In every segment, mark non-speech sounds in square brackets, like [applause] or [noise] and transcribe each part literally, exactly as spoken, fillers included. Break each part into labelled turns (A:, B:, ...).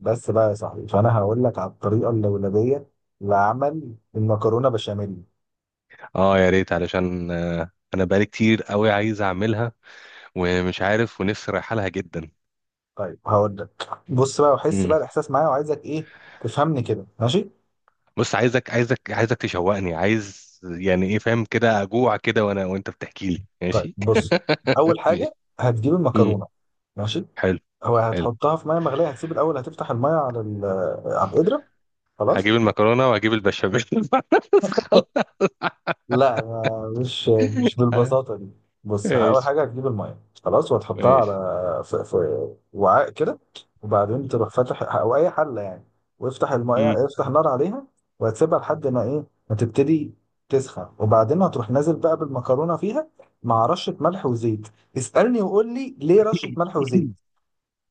A: بس بقى يا صاحبي، فانا هقول لك على الطريقه اللولبيه لعمل المكرونه بشاميل.
B: اه، يا ريت. علشان آه، انا بقالي كتير قوي عايز اعملها ومش عارف، ونفسي رايحه لها جدا.
A: طيب هقول لك، بص بقى وحس
B: امم
A: بقى الاحساس معايا، وعايزك ايه تفهمني كده، ماشي؟
B: بص، عايزك عايزك عايزك تشوقني. عايز يعني ايه؟ فاهم كده؟ اجوع كده وانا وانت بتحكي لي،
A: طيب
B: ماشي؟
A: بص، اول
B: [laughs]
A: حاجه
B: ماشي.
A: هتجيب
B: امم
A: المكرونه، ماشي؟
B: حلو،
A: هو
B: حلو.
A: هتحطها في ميه مغليه، هتسيب الاول. هتفتح الميه على ال- على القدره، خلاص.
B: هجيب المكرونه وهجيب البشاميل. [laughs]
A: لا، ما مش مش بالبساطة دي. بص، أول
B: ماشي،
A: حاجة هتجيب المية، خلاص. وهتحطها
B: ماشي.
A: على في, في وعاء كده. وبعدين تروح فاتح أو أي حلة يعني، وافتح
B: امم
A: المية، افتح نار عليها. وهتسيبها لحد ما إيه، ما تبتدي تسخن. وبعدين هتروح نازل بقى بالمكرونة فيها، مع رشة ملح وزيت. اسألني وقول لي: ليه رشة ملح وزيت؟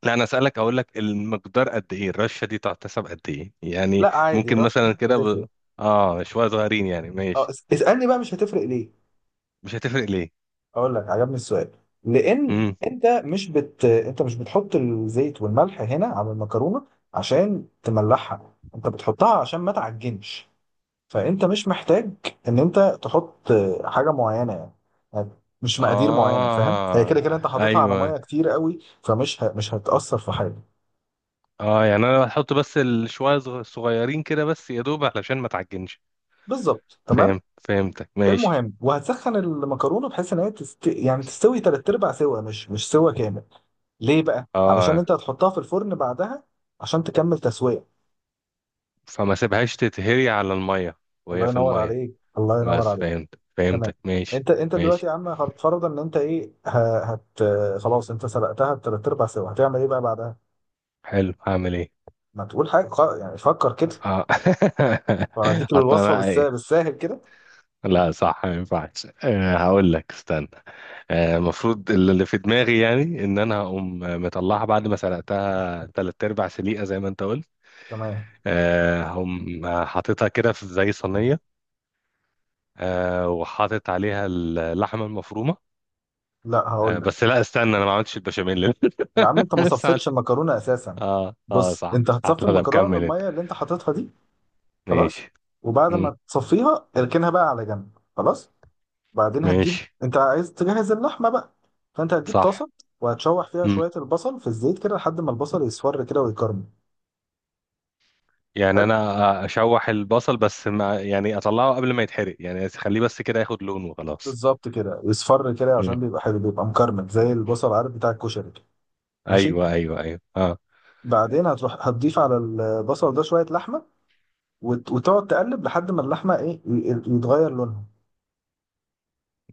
B: لا، انا اسالك، اقول لك المقدار قد ايه؟ الرشه دي تحتسب قد ايه يعني؟
A: لا، عادي،
B: ممكن
A: رشة ملح
B: مثلا
A: مش
B: كده
A: هتفرق.
B: ب... اه، شويه صغيرين يعني،
A: أه،
B: ماشي.
A: اس- اسألني بقى: مش هتفرق ليه؟
B: مش هتفرق ليه؟
A: اقول لك، عجبني السؤال. لان
B: امم
A: انت مش بت انت مش بتحط الزيت والملح هنا على المكرونه عشان تملحها، انت بتحطها عشان ما تعجنش. فانت مش محتاج ان انت تحط حاجه معينه يعني يعني مش مقادير معينه. فاهم، هي
B: اه،
A: كده كده انت حاططها على
B: ايوه.
A: ميه كتير قوي، فمش ه... مش هتاثر في حاجه.
B: اه يعني انا هحط بس الشوية صغ- صغيرين كده، بس يا دوب علشان ما تعجنش.
A: بالظبط، تمام.
B: فاهم، فهمتك، ماشي.
A: المهم، وهتسخن المكرونه بحيث ان هي تست... يعني تستوي تلات ارباع سوا، مش مش سوا كامل. ليه بقى؟ علشان
B: اه،
A: انت هتحطها في الفرن بعدها، عشان تكمل تسوية.
B: فما سيبهاش تتهري على المية
A: الله
B: وهي في
A: ينور
B: المية.
A: عليك، الله ينور
B: بس
A: عليك.
B: فهمت،
A: تمام.
B: فهمتك، ماشي.
A: انت انت دلوقتي
B: ماشي.
A: يا عم هتفرض ان انت ايه ه- هت خلاص، انت سلقتها بتلات ارباع سوا، هتعمل ايه بقى بعدها؟
B: حلو. هعمل ايه؟
A: ما تقول حاجة خ- يعني، فكر كده.
B: اه،
A: وانا اديك
B: [laughs] حط
A: الوصفة
B: انا
A: بالسهل
B: ايه.
A: بالساهل كده.
B: لا صح، ما ينفعش. آه، هقول لك، استنى. آه، المفروض اللي في دماغي يعني، ان انا هقوم مطلعها بعد ما سلقتها تلات ارباع سليقه، زي ما انت قلت.
A: تمام.
B: آه، هقوم حاططها كده في زي صينيه. آه، وحاطط عليها اللحمه المفرومه.
A: لا، هقول
B: آه،
A: لك.
B: بس لا استنى، انا ما عملتش البشاميل.
A: يا عم، انت
B: [laughs]
A: ما
B: لسه
A: صفيتش
B: عندي-
A: المكرونة اساسا.
B: اه، اه،
A: بص،
B: صح،
A: انت
B: صح.
A: هتصفي
B: لا انا
A: المكرونة من
B: مكمل انت.
A: المية اللي انت حاططها دي. خلاص.
B: ماشي.
A: وبعد
B: مم،
A: ما تصفيها اركنها بقى على جنب، خلاص. بعدين هتجيب.
B: ماشي.
A: انت عايز تجهز اللحمه بقى، فانت هتجيب
B: صح.
A: طاسه، وهتشوح فيها
B: مم.
A: شويه البصل في الزيت كده لحد ما البصل يصفر كده ويكرمل.
B: يعني
A: حلو،
B: انا اشوح البصل بس، ما يعني اطلعه قبل ما يتحرق، يعني اخليه بس كده ياخد لون وخلاص.
A: بالظبط كده، يصفر كده
B: مم.
A: عشان بيبقى حلو، بيبقى مكرمل زي البصل، عارف بتاع الكشري كده، ماشي.
B: ايوه، ايوه، ايوه، اه.
A: بعدين هتروح هتضيف على البصل ده شويه لحمه، وت- وتقعد تقلب لحد ما اللحمه ايه ي- يتغير لونها.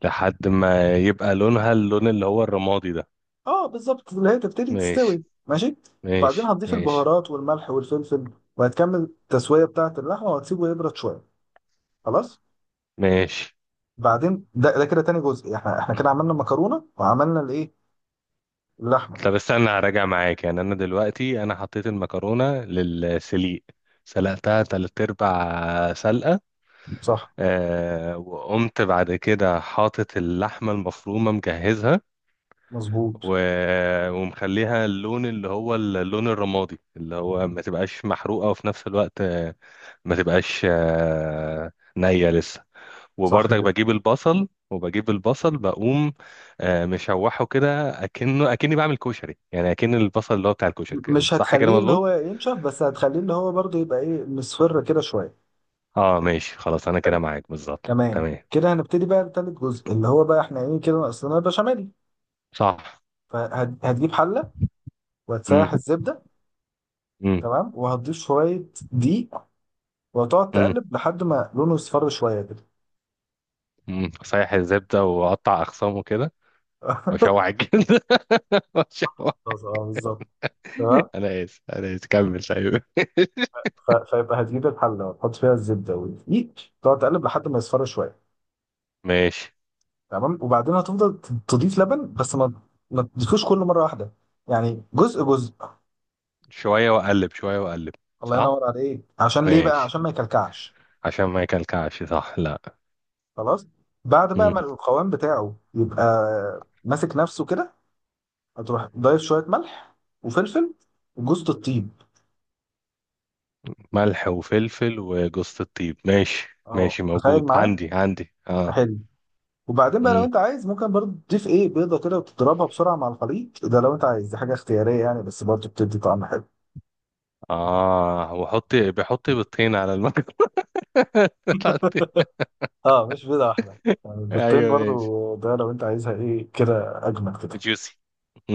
B: لحد ما يبقى لونها اللون اللي هو الرمادي ده.
A: اه بالظبط، اللي هي تبتدي
B: ماشي.
A: تستوي، ماشي. بعدين
B: ماشي،
A: هتضيف
B: ماشي.
A: البهارات والملح والفلفل، وهتكمل التسويه بتاعه اللحمه وهتسيبه يبرد شويه، خلاص.
B: ماشي.
A: بعدين ده ده كده تاني جزء، احنا احنا كده عملنا المكرونه وعملنا الايه، اللحمه.
B: طب استنى، هراجع معاك. يعني انا دلوقتي انا حطيت المكرونه للسليق، سلقتها تلات ارباع سلقه.
A: صح،
B: آه، وقمت بعد كده حاطط اللحمه المفرومه، مجهزها.
A: مظبوط.
B: و... ومخليها اللون اللي هو اللون الرمادي، اللي هو ما تبقاش محروقه، وفي نفس الوقت آه، ما تبقاش آه، نيه لسه.
A: صح
B: وبرضك
A: كده.
B: بجيب البصل، وبجيب البصل بقوم آه، مشوحه كده، اكنه اكني بعمل كشري، يعني اكن البصل اللي هو بتاع الكشري
A: م-
B: كده،
A: مش
B: صح كده،
A: هتخليه اللي
B: مظبوط.
A: هو ينشف، بس هتخليه اللي هو برضه يبقى ايه، مصفر كده شويه.
B: اه ماشي، خلاص، انا
A: حلو،
B: كده معاك بالظبط،
A: تمام
B: تمام.
A: كده. هنبتدي بقى تالت جزء، اللي هو بقى احنا ايه كده، ناقصنا البشاميل.
B: صح.
A: فهتجيب حله
B: امم
A: وهتسيح الزبده،
B: امم
A: تمام. وهتضيف شويه دقيق، وهتقعد
B: امم
A: تقلب لحد ما لونه يصفر شويه كده.
B: امم صحيح الزبده، واقطع اخصامه كده،
A: [laughs]
B: واشوح الجلد [laughs] واشوح.
A: خلاص، اه بالظبط، تمام.
B: انا اسف، انا اسف، كمل طيب.
A: ف- فيبقى هتجيب الحله وتحط فيها الزبده والدقيق، تقعد تقلب لحد ما يصفر شويه،
B: ماشي.
A: تمام. وبعدين هتفضل ت- تضيف لبن، بس ما ما تضيفوش كله مره واحده، يعني جزء جزء.
B: شويه واقلب، شويه واقلب.
A: الله
B: صح،
A: ينور عليك. عشان ليه بقى؟
B: ماشي.
A: عشان ما يكلكعش.
B: عشان ما يكلكعش، صح، لا.
A: خلاص. بعد بقى ما القوام بتاعه يبقى ماسك نفسه كده، هتروح ضايف شويه ملح وفلفل وجوز الطيب.
B: ملح وفلفل وجوزة الطيب، ماشي.
A: اه،
B: ماشي،
A: تخيل
B: موجود
A: معاه.
B: عندي، عندي، اه.
A: حلو. وبعدين بقى لو
B: امم
A: انت عايز، ممكن برضه تضيف ايه، بيضه كده وتضربها بسرعه مع الخليط ده، لو انت عايز. دي حاجه اختياريه يعني، بس برضه بتدي طعم حلو.
B: اه، وحط، بحط بيضتين على المكرونة. [laughs] عندي.
A: اه، مش بيضة واحدة يعني، البيضتين
B: ايوه، ماشي.
A: برضو، ده لو انت عايزها ايه كده اجمل كده.
B: جوسي.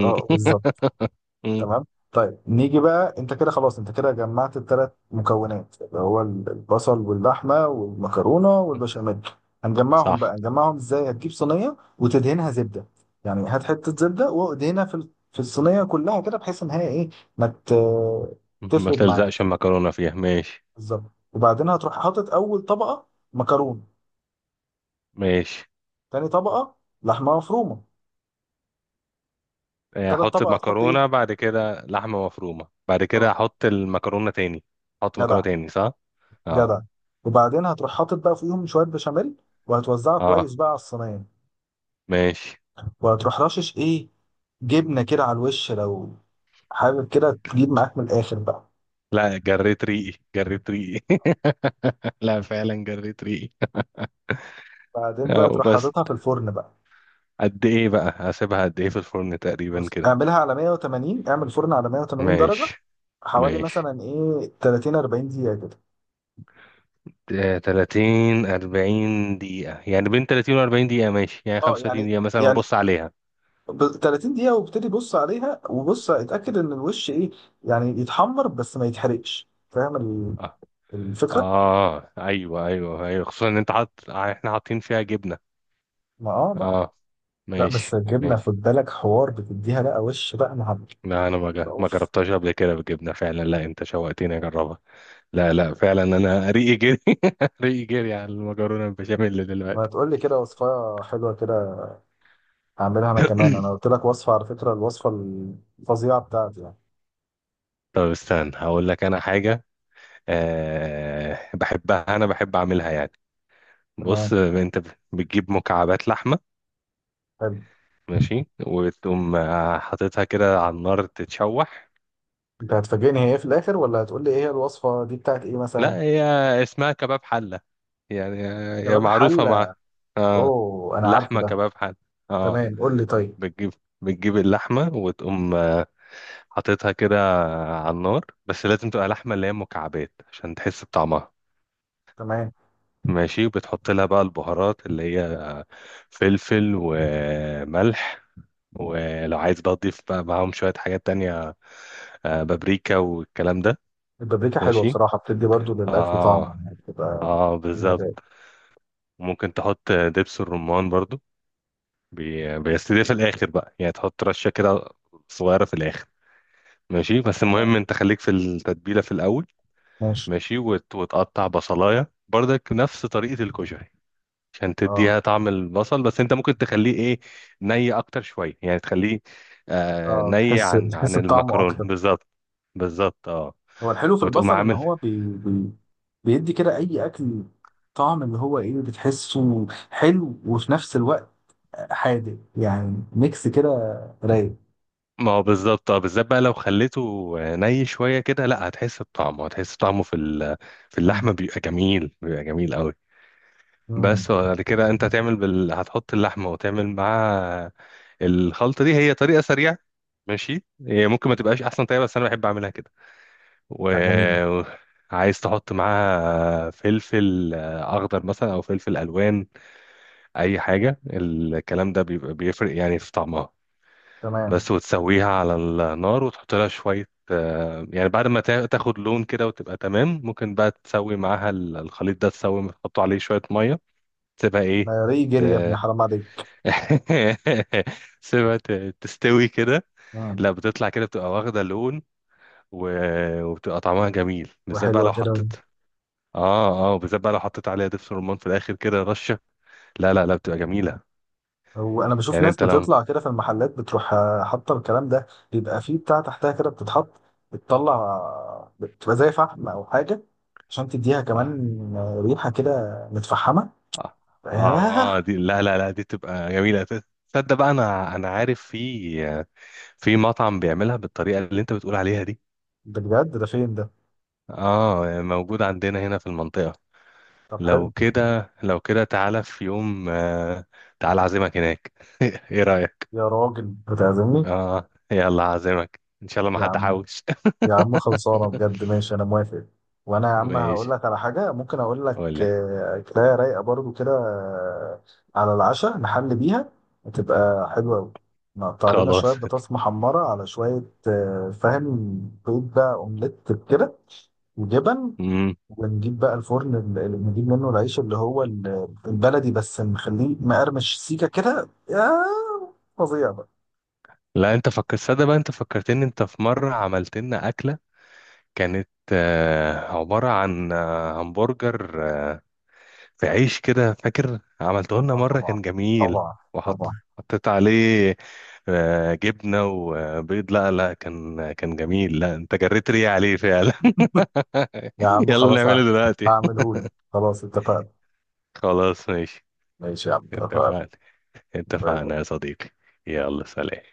A: اه بالظبط، تمام. طيب، نيجي بقى. انت كده خلاص، انت كده جمعت الثلاث مكونات اللي هو البصل واللحمة والمكرونة والبشاميل. هنجمعهم
B: صح،
A: بقى، نجمعهم ازاي؟ هتجيب صينية وتدهنها زبدة، يعني هات حتة زبدة وادهنها في ال- في الصينية كلها كده، بحيث ان هي ايه، ما ت-
B: ما
A: تفرد
B: تلزقش
A: معاك.
B: المكرونة فيها، ماشي.
A: بالظبط. وبعدين هتروح حاطط اول طبقة مكرونة،
B: ماشي.
A: تاني طبقة لحمة مفرومة،
B: آه،
A: تلات
B: احط
A: طبق هتحط
B: المكرونة،
A: ايه؟
B: بعد كده لحمة مفرومة، بعد كده
A: اه،
B: احط المكرونة تاني. احط مكرونة
A: جدع،
B: تاني، صح. اه.
A: جدع. وبعدين هتروح حاطط بقى فيهم شويه بشاميل، وهتوزعه كويس
B: اه
A: بقى على الصينيه.
B: ماشي
A: وهتروح رشش ايه، جبنه كده على الوش، لو حابب كده تجيب معاك من الاخر بقى.
B: لا جريت ريقي جريت ريقي [laughs] لا فعلا جريت ريقي
A: بعدين
B: اه
A: بقى تروح
B: وبس
A: حاططها في الفرن بقى.
B: قد ايه بقى هسيبها قد ايه في الفرن تقريبا
A: بص،
B: كده
A: اعملها على مية وتمانين، اعمل فرن على مية وتمانين درجه،
B: ماشي
A: حوالي
B: ماشي
A: مثلا ايه تلاتين اربعين دقيقه كده.
B: آه، ثلاثين أربعين دقيقة يعني بين ثلاثين و أربعين دقيقة ماشي يعني
A: اه يعني
B: خمسة وثلاثين دقيقة مثلا
A: يعني
B: وابص عليها
A: ب- تلاتين دقيقه وابتدي بص عليها، وبص اتاكد ان الوش ايه، يعني يتحمر بس ما يتحرقش، فاهم ال-
B: اه
A: الفكره.
B: اه ايوه ايوه ايوه خصوصا ان انت حاطط احنا حاطين فيها جبنة
A: ما اه بقى.
B: اه،
A: لا،
B: ماشي،
A: بس الجبنه
B: ماشي.
A: خد بالك، حوار بتديها بقى وش بقى مع.
B: لا، انا ما جا- ما
A: اوف،
B: جربتهاش قبل كده بالجبنة فعلا. لا، انت شوقتني اجربها. لا، لا، فعلا انا ريقي جري. [laughs] ريقي جري على المكرونة البشاميل
A: ما
B: دلوقتي.
A: تقول لي كده وصفه حلوه كده، هعملها انا كمان. انا
B: [clears throat] [coughs]
A: قلت لك وصفه على فكره، الوصفه الفظيعه بتاعتي يعني.
B: طب استنى، هقول لك انا حاجة. أه، بحبها، انا بحب اعملها يعني. بص
A: تمام،
B: انت بتجيب مكعبات لحمة.
A: حلو.
B: ماشي. وتقوم آه، حاططها كده على النار تتشوح.
A: انت هتفاجئني هي ايه في الاخر، ولا هتقول لي ايه هي الوصفه دي بتاعت ايه مثلا؟
B: لا، هي اسمها كباب حلة. يعني آه، هي
A: كباب
B: معروفة
A: حله.
B: مع. اه.
A: اوه، انا عارفه
B: لحمة
A: ده.
B: كباب حلة. اه.
A: تمام، قول لي طيب.
B: بتجيب بتجيب اللحمة، وتقوم آه، حاططها كده على النار. بس لازم تبقى لحمة اللي هي مكعبات، عشان تحس بطعمها.
A: تمام.
B: ماشي. بتحط لها بقى البهارات، اللي هي فلفل وملح. ولو عايز بقى تضيف بقى معاهم شوية حاجات تانية، آه، بابريكا والكلام ده.
A: البابريكا حلوه
B: ماشي.
A: بصراحه، بتدي برضو للاكل طعم
B: اه،
A: يعني، بتبقى
B: اه،
A: فيها ده.
B: بالظبط. ممكن تحط دبس الرمان برضو، بي- بس دي في الآخر بقى، يعني تحط رشة كده صغيرة في الآخر. ماشي، بس
A: تمام،
B: المهم انت خليك في التتبيلة في الأول.
A: ماشي.
B: ماشي، وت- وتقطع بصلاية برضك نفس طريقة الكشري، عشان
A: اه،
B: تديها طعم البصل. بس انت ممكن تخليه ايه، ني اكتر شويه، يعني تخليه آه
A: اه،
B: ني
A: بتحس
B: عن عن
A: بتحس بطعمه
B: المكرونه
A: اكتر.
B: بالظبط. بالظبط، اه.
A: هو الحلو في
B: وتقوم
A: البصل ان
B: عامل،
A: هو بي... بي... بيدي كده اي اكل طعم، اللي هو ايه، بتحسه حلو وفي نفس الوقت حادق، يعني ميكس كده، رايق.
B: ما هو بالظبط، اه، بالذات بقى لو خليته ني شويه كده، لا هتحس بطعمه، هتحس طعمه في ال- في
A: مم.
B: اللحمه، بيبقى جميل، بيبقى جميل قوي.
A: مم.
B: بس. وبعد كده انت هتعمل بال... هتحط اللحمه وتعمل معاها الخلطه دي. هي طريقه سريعه، ماشي. هي ممكن ما
A: تمام.
B: تبقاش احسن طريقه، بس انا بحب اعملها كده.
A: لا، جميلة.
B: وعايز تحط معاها فلفل آه، اخضر مثلا، او فلفل الوان، اي حاجه، الكلام ده بيبقى بيفرق يعني في طعمها.
A: تمام.
B: بس. وتسويها على النار، وتحط لها شويه، آه، يعني بعد ما تا- تاخد لون كده وتبقى تمام. ممكن بقى تسوي معاها ال- الخليط ده، تسوي تحط عليه شويه ميه، تسيبها ايه،
A: ما ري جري يا ابني،
B: ت-
A: حرام عليك.
B: [laughs] تسيبها ت- تستوي كده.
A: مم.
B: لا، بتطلع كده، بتبقى واخده لون و... وبتبقى طعمها جميل. بالذات بقى
A: وحلوه
B: لو
A: كده.
B: حطيت. اه، اه، وبالذات بقى لو حطيت عليها دبس رمان في الاخر كده، رشه، لا لا لا، بتبقى جميله.
A: وانا بشوف
B: يعني
A: ناس
B: انت لو.
A: بتطلع كده في المحلات، بتروح آه، حاطه الكلام ده، بيبقى فيه بتاع تحتها كده بتتحط، بتطلع آه، بتبقى زي فحم او حاجه، عشان تديها كمان
B: اه.
A: آه، ريحه كده متفحمه.
B: اه،
A: آه،
B: آه، دي لا لا لا، دي بتبقى جميله. ت- تصدق بقى، انا انا عارف في في مطعم بيعملها بالطريقه اللي انت بتقول عليها دي.
A: ده بجد؟ ده فين ده؟
B: اه، موجود عندنا هنا في المنطقه.
A: طب
B: لو
A: حلو.
B: كده، لو كده، تعالى في يوم، آه، تعالى اعزمك هناك. [laughs] ايه رايك؟
A: يا راجل بتعزمني؟
B: اه، يلا اعزمك ان شاء الله ما
A: يا
B: حد
A: عم،
B: حوش.
A: يا عم خلصانه بجد،
B: [laughs]
A: ماشي انا موافق. وانا يا عم هقول
B: ماشي.
A: لك على حاجه، ممكن اقول لك
B: ولا
A: آه، كفايه، رايقه برضو كده آه، على العشاء نحل بيها، هتبقى حلوه قوي. نقطع لنا شويه
B: خلاص.
A: بطاطس محمره على شويه آه، فاهم، بيض بقى اومليت كده، وجبن.
B: مم.
A: ونجيب بقى الفرن اللي اللي بنجيب منه العيش، اللي هو ال- البلدي، بس نخليه مقرمش سيكه كده، يا فظيع.
B: لا، انت فكرت، صدق بقى، انت فكرتني. انت في مرة عملت لنا أكلة كانت آه، عبارة عن آه، همبرجر آه، في عيش كده، فاكر؟ عملته لنا
A: اه
B: مرة،
A: طبعا،
B: كان جميل.
A: طبعا، طبعا.
B: وحط، حطيت عليه آه، جبنة وبيض. لا لا، كان، كان جميل، لا انت جريت ريقي عليه فعلا.
A: يا
B: [laughs]
A: عم
B: يلا
A: خلاص،
B: نعمله دلوقتي.
A: هعمله لك. خلاص، اتفقنا.
B: [laughs] خلاص، ماشي.
A: ماشي يا عم، اتفقنا.
B: اتفقنا.
A: باي باي.
B: اتفقنا يا صديقي. يلا سلام.